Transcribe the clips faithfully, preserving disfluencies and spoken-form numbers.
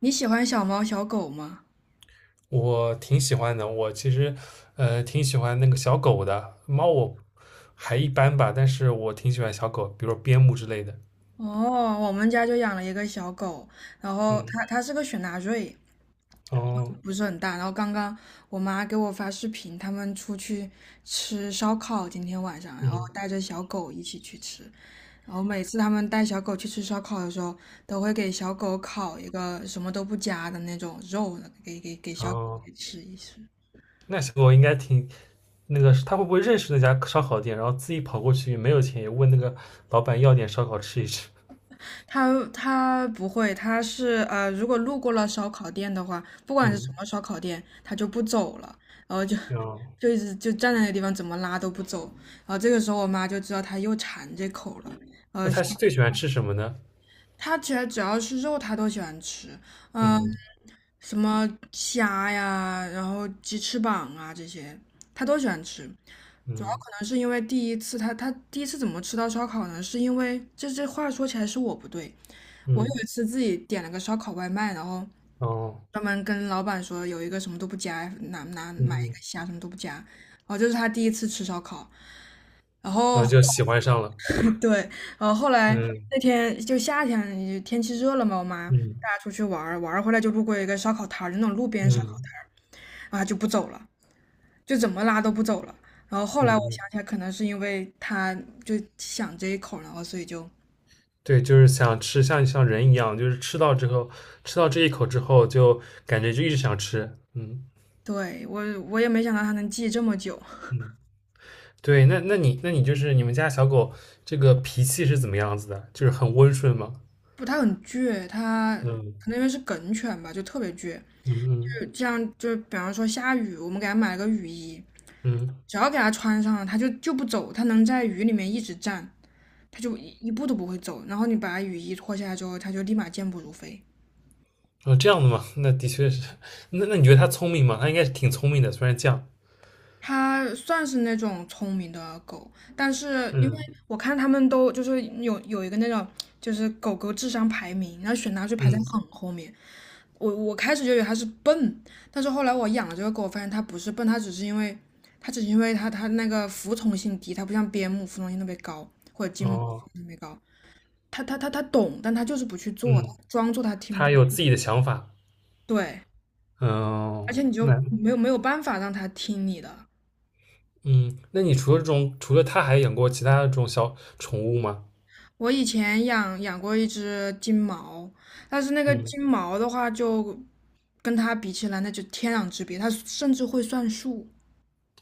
你喜欢小猫小狗吗？我挺喜欢的，我其实呃挺喜欢那个小狗的，猫我还一般吧，但是我挺喜欢小狗，比如说边牧之类的。哦，我们家就养了一个小狗，然后嗯，它它是个雪纳瑞，哦，不是很大。然后刚刚我妈给我发视频，他们出去吃烧烤，今天晚上，然后嗯，带着小狗一起去吃。然后每次他们带小狗去吃烧烤的时候，都会给小狗烤一个什么都不加的那种肉，给给给小狗哦，也吃一吃。那小狗应该挺那个，它会不会认识那家烧烤店，然后自己跑过去没有钱也问那个老板要点烧烤吃一吃？他他不会，他是呃，如果路过了烧烤店的话，不管是什嗯，么烧烤店，他就不走了，然后就哦，就一直就站在那个地方，怎么拉都不走。然后这个时候我妈就知道他又馋这口了。那它是最喜欢吃什么呢？他其实只要是肉，他都喜欢吃，嗯、嗯什么虾呀，然后鸡翅膀啊这些，他都喜欢吃。主要嗯可能是因为第一次他他第一次怎么吃到烧烤呢？是因为这这话说起来是我不对，我有嗯，一次自己点了个烧烤外卖，然后哦专门跟老板说有一个什么都不加，拿拿买一嗯，个虾什么都不加。然后这是他第一次吃烧烤，然然后 后就喜欢上了。对，然后后来嗯那天就夏天天气热了嘛，我妈带嗯她出去玩儿，玩儿回来就路过一个烧烤摊儿，就那种路边烧烤嗯摊儿，然后她就不走了，就怎么拉都不走了。然后后嗯来我嗯想起来，可能是因为他就想这一口，然后所以就对，就是想吃，像像人一样，就是吃到之后，吃到这一口之后，就感觉就一直想吃。嗯对我我也没想到他能记这么久。嗯，对，那那你那你就是你们家小狗这个脾气是怎么样子的？就是很温顺吗？不，它很倔，它嗯可能因为是梗犬吧，就特别倔。嗯就嗯这样，就比方说下雨，我们给它买了个雨衣，嗯，只要给它穿上了，它就就不走，它能在雨里面一直站，它就一一步都不会走。然后你把雨衣脱下来之后，它就立马健步如飞。哦，这样的嘛，那的确是。那那你觉得它聪明吗？它应该是挺聪明的，虽然犟。它算是那种聪明的狗，但是因为嗯我看他们都就是有有一个那种就是狗狗智商排名，然后选它就排在嗯，很后面。我我开始就以为它是笨，但是后来我养了这个狗，发现它不是笨，它只是因为它只是因为它它那个服从性低，它不像边牧服从性特别高，或者金毛服从哦，性特别高，它它它它懂，但它就是不去做，嗯，装作它听不它懂。有自己的想法。对，而嗯，且你就那没有没有办法让它听你的。嗯，那你除了这种，除了它还养过其他的这种小宠物吗？我以前养养过一只金毛，但是那个嗯。金毛的话就跟它比起来，那就天壤之别，它甚至会算数。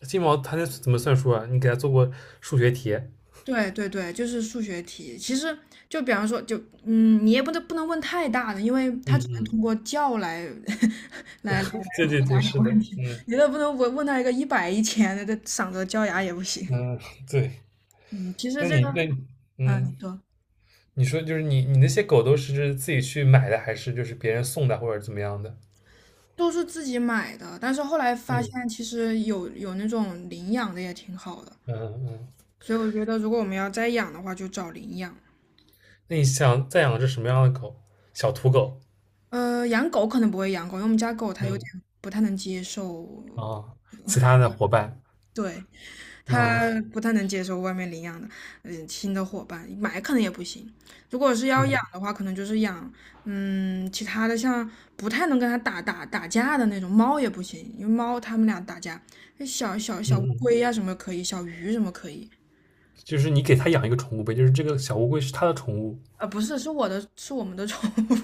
金毛它那怎么算数啊？你给它做过数学题？对对对，就是数学题。其实就比方说，就嗯，你也不能不能问太大的，因为它只嗯能嗯，通过叫来 来来来对回对答对，你是的，问题。嗯你都不能问问他一个一百一千的，这嗓子叫哑也不行。嗯，对。嗯，其实那这你个，那嗯，你嗯，说你说就是你你那些狗都是自己去买的，还是就是别人送的，或者怎么样的？都是自己买的，但是后来发现嗯其实有有那种领养的也挺好的，嗯嗯。所以我觉得如果我们要再养的话，就找领养。那你想再养只什么样的狗？小土狗。呃，养狗可能不会养狗，因为我们家狗它有嗯点不太能接受，啊，其他的伙伴，对。它嗯不太能接受外面领养的，嗯，新的伙伴，买可能也不行。如果是要养嗯的话，可能就是养，嗯，其他的像不太能跟它打打打架的那种猫也不行，因为猫它们俩打架，小小嗯小乌嗯，龟呀、什么可以，小鱼什么可以。就是你给它养一个宠物呗，就是这个小乌龟是它的宠物，呃，不是，是我的，是我们的宠物。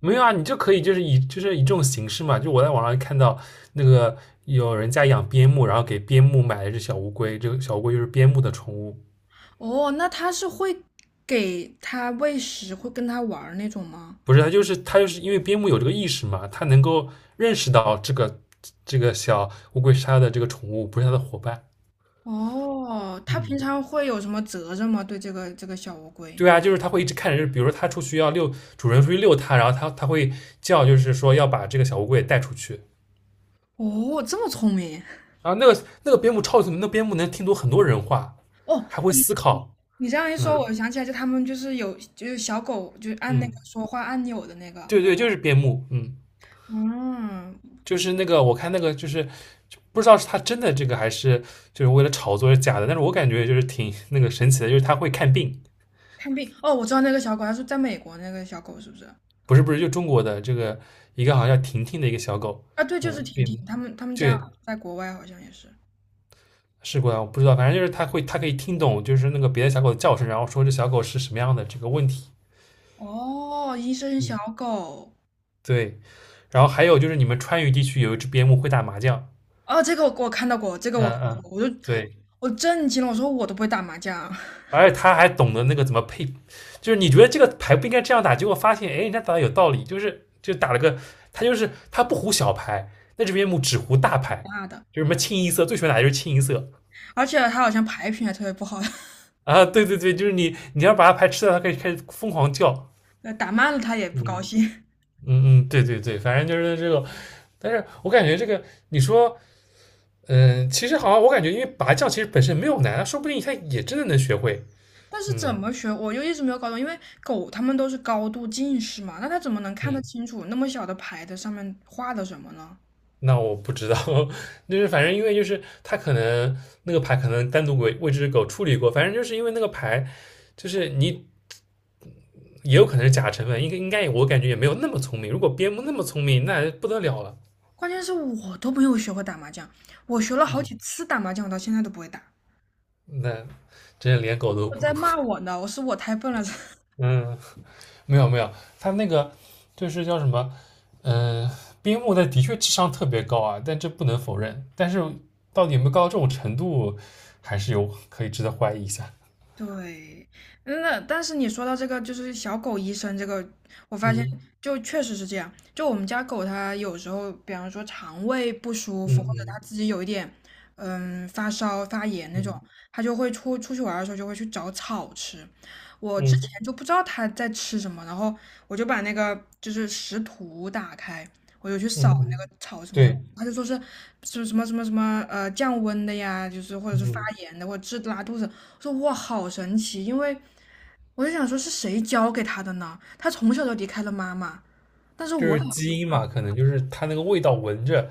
没有啊，你就可以就是以就是以这种形式嘛，就我在网上看到那个有人家养边牧，然后给边牧买了一只小乌龟，这个小乌龟就是边牧的宠物，哦，那它是会给它喂食，会跟它玩儿那种吗？不是它就是它就是因为边牧有这个意识嘛，它能够认识到这个这个小乌龟是它的这个宠物，不是它的伙伴。哦，它嗯，平常会有什么责任吗？对这个这个小乌龟？对啊，就是它会一直看着，就是比如说它出去要遛，主人出去遛它，然后它它会叫，就是说要把这个小乌龟也带出去。哦，这么聪明。啊。那个那个边牧超聪明，那个边牧能听懂很多人话，哦，还会你思考。你这样一说，嗯我想起来，就他们就是有就是小狗，就是按那个嗯。说话按钮的那个，对对，就是边牧，嗯，嗯，就是那个我看那个就是不知道是他真的这个还是就是为了炒作是假的，但是我感觉就是挺那个神奇的，就是他会看病，看病。哦，我知道那个小狗，它是在美国那个小狗是不是？不是不是，就中国的这个一个好像叫婷婷的一个小狗，啊，对，就是嗯，婷边婷，牧，他们他们家对，在国外好像也是。试过啊，我不知道，反正就是它会它可以听懂就是那个别的小狗的叫声，然后说这小狗是什么样的这个问题，哦，医生小嗯，狗，对，然后还有就是你们川渝地区有一只边牧会打麻将，哦，这个我我看到过，这个嗯我看到嗯，过，我就对。我震惊了，我说我都不会打麻将，而且他还懂得那个怎么配，就是你觉得这个牌不应该这样打，结果发现哎，人家打的有道理，就是就打了个他就是他不胡小牌，那这边目只胡大 牌，妈的！就是什么清一色，最喜欢打的就是清一色而且他好像牌品还特别不好，啊，对对对，就是你你要把他牌吃掉，他可以开始疯狂叫，打慢了他也不高嗯兴。嗯嗯，对对对，反正就是这个，但是我感觉这个你说嗯，其实好像我感觉因为拔将其实本身没有难啊，说不定他也真的能学会，但是怎嗯么学，我就一直没有搞懂，因为狗它们都是高度近视嘛，那它怎么能看得嗯。清楚那么小的牌子上面画的什么呢？那我不知道，就是反正因为就是他可能那个牌可能单独为为这只狗处理过，反正就是因为那个牌，就是你也有可能是假成分，应该应该我感觉也没有那么聪明。如果边牧那么聪明，那不得了了，关键是我都没有学会打麻将，我学了好几嗯次打麻将，我到现在都不会打。那真的连狗都我不在如。骂我呢，我是我太笨了。嗯，没有没有，他那个就是叫什么，嗯、呃边牧的的确智商特别高啊，但这不能否认。但是到底有没有高到这种程度，还是有可以值得怀疑一下。对，嗯那但是你说到这个，就是小狗医生这个，我发现嗯就确实是这样。就我们家狗，它有时候，比方说肠胃不舒嗯服，或者它嗯自己有一点，嗯，发烧、发炎嗯那嗯。种，它就会出出去玩儿的时候就会去找草吃。我之嗯前嗯就不知道它在吃什么，然后我就把那个就是食谱打开，我就去嗯，扫那嗯，个草什么的对，他就说是什么什么什么什么呃降温的呀，就是或者是发嗯，炎的或者治拉肚子。我说哇，好神奇！因为我就想说是谁教给他的呢？他从小就离开了妈妈，但是就我是也基因嘛，可能就是它那个味道闻着，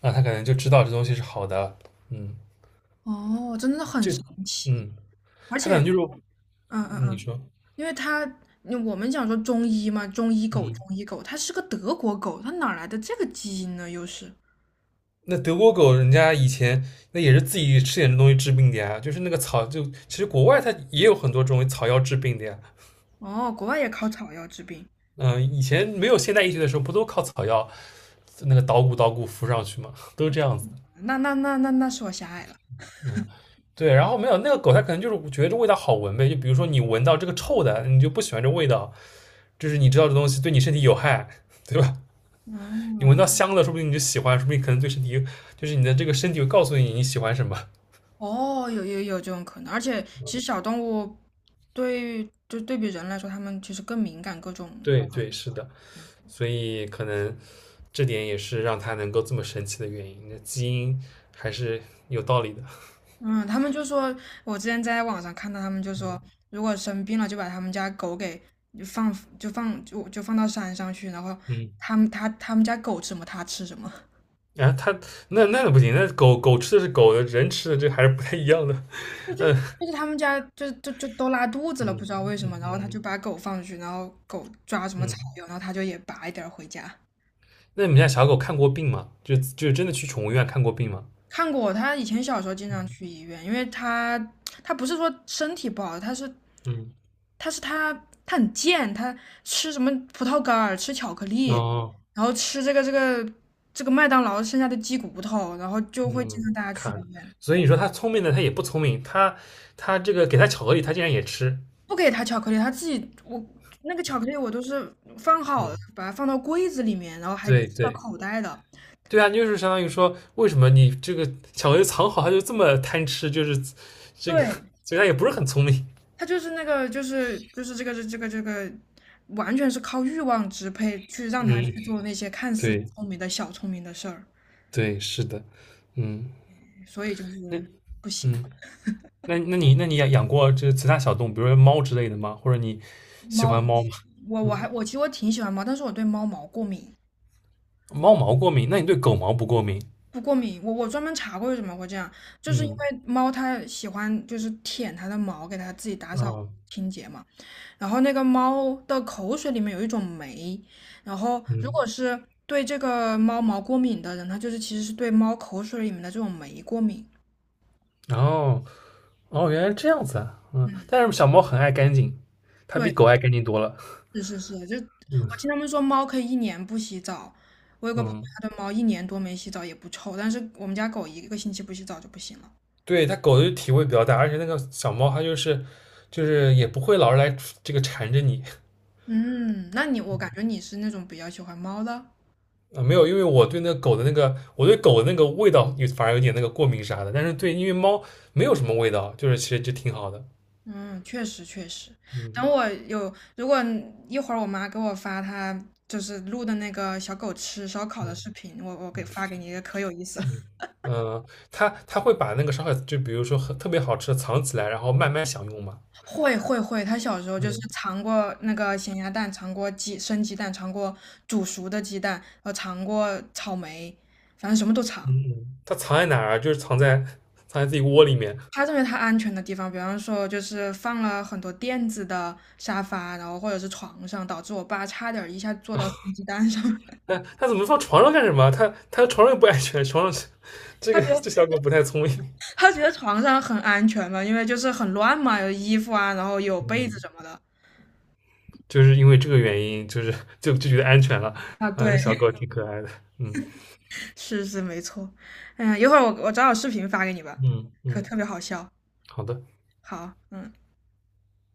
啊，它可能就知道这东西是好的嗯，哦，真的很这，神奇。嗯，而它可且，能就是嗯嗯嗯你嗯，说，因为他嗯我们讲说中医嘛，中医狗，嗯，中医狗，它是个德国狗，它哪来的这个基因呢？又是那德国狗人家以前那也是自己吃点这东西治病的呀，就是那个草就，其实国外它也有很多这种草药治病的呀。哦，国外也靠草药治病，嗯，以前没有现代医学的时候，不都靠草药那个捣鼓捣鼓敷上去嘛，都这样子。那那那那那是我狭隘了。嗯。对，然后没有那个狗，它可能就是觉得这味道好闻呗。就比如说你闻到这个臭的，你就不喜欢这味道，就是你知道这东西对你身体有害，对吧？嗯。你闻到香的，说不定你就喜欢，说不定可能对身体，就是你的这个身体会告诉你你喜欢什么。哦，有有有这种可能，而且其实小动物对就对比人来说，它们其实更敏感各种。对对，是的，所以可能这点也是让它能够这么神奇的原因。那基因还是有道理的。嗯，他们就说，我之前在网上看到他们就嗯说，如果生病了就把他们家狗给放就放就就放到山上去，然后嗯，他们他他们家狗吃什么它吃什么，然、后它那那不行，那狗狗吃的是狗的，人吃的这还是不太一样的。我就嗯就是他们家就就就都拉肚子了，不嗯知道为嗯什么，然后他就嗯把狗放出去，然后狗抓什么草嗯。药，然后他就也拔一点儿回家。那你们家小狗看过病吗？就就真的去宠物医院看过病吗？看过，他以前小时候经常嗯去医院，因为他他不是说身体不好，他是嗯他是他他很贱，他吃什么葡萄干儿，吃巧克力，哦然后吃这个这个这个麦当劳剩下的鸡骨头，然后就会经嗯，常带他去看了，医院，所以你说它聪明的，它也不聪明，它它这个给它巧克力，它竟然也吃，不给他巧克力，他自己我那个巧克力我都是放好嗯，了，把它放到柜子里面，然后还系对了对口袋的，对啊，就是相当于说，为什么你这个巧克力藏好，它就这么贪吃，就是这个，对，所以它也不是很聪明，他就是那个，就是就是这个这这个这个，完全是靠欲望支配去让他嗯，去做那些看似对聪明的小聪明的事儿，对，是的，嗯，所以就那是不行。嗯，那那你那你养养过这其他小动物，比如说猫之类的吗？或者你喜猫欢猫吗？我我嗯。还我其实我挺喜欢猫，但是我对猫毛过敏，猫毛过敏，那你对狗毛不过敏？不过敏。我我专门查过为什么会这样，就是因嗯，为猫它喜欢就是舔它的毛，给它自己打扫哦，清洁嘛。然后那个猫的口水里面有一种酶，然后如嗯，果是对这个猫毛过敏的人，他就是其实是对猫口水里面的这种酶过敏。哦，哦，原来这样子啊，嗯，嗯，但是小猫很爱干净，它比对，狗爱干净多了。是是是，就我听他们说猫可以一年不洗澡，我有个朋友嗯，他的猫一年多没洗澡也不臭，但是我们家狗一个星期不洗澡就不行了。对，它狗的体味比较大，而且那个小猫它就是就是也不会老是来这个缠着你。嗯，那你我感觉你是那种比较喜欢猫的。啊，没有，因为我对那个狗的那个，我对狗的那个味道有反而有点那个过敏啥的，但是对，因为猫没有什么味道，就是其实就挺好的。嗯，确实确实。等嗯我有，如果一会儿我妈给我发她就是录的那个小狗吃烧烤的嗯视频，我我给嗯，发给你，可有意思了。嗯，嗯，他他会把那个烧烤，就比如说很特别好吃的藏起来，然后慢慢享用嘛。会会会，她小时候就是嗯尝过那个咸鸭蛋，尝过鸡生鸡蛋，尝过煮熟的鸡蛋，呃，尝过草莓，反正什么都嗯尝。嗯，他藏在哪儿啊？就是藏在藏在自己窝里面。她认为她安全的地方，比方说就是放了很多垫子的沙发，然后或者是床上，导致我爸差点一下坐到生鸡蛋上。面。那他怎么放床上干什么啊？他他床上又不安全，床上 这他个觉得这小狗不太聪明。他觉得床上很安全嘛，因为就是很乱嘛，有衣服啊，然后有被嗯，子什么的。就是因为这个原因，就是就就觉得安全了。啊，啊，这小对，狗挺可爱的。嗯 是是没错。呀，一会儿我我找找视频发给你吧，嗯可嗯，特别好笑。好的。好，嗯。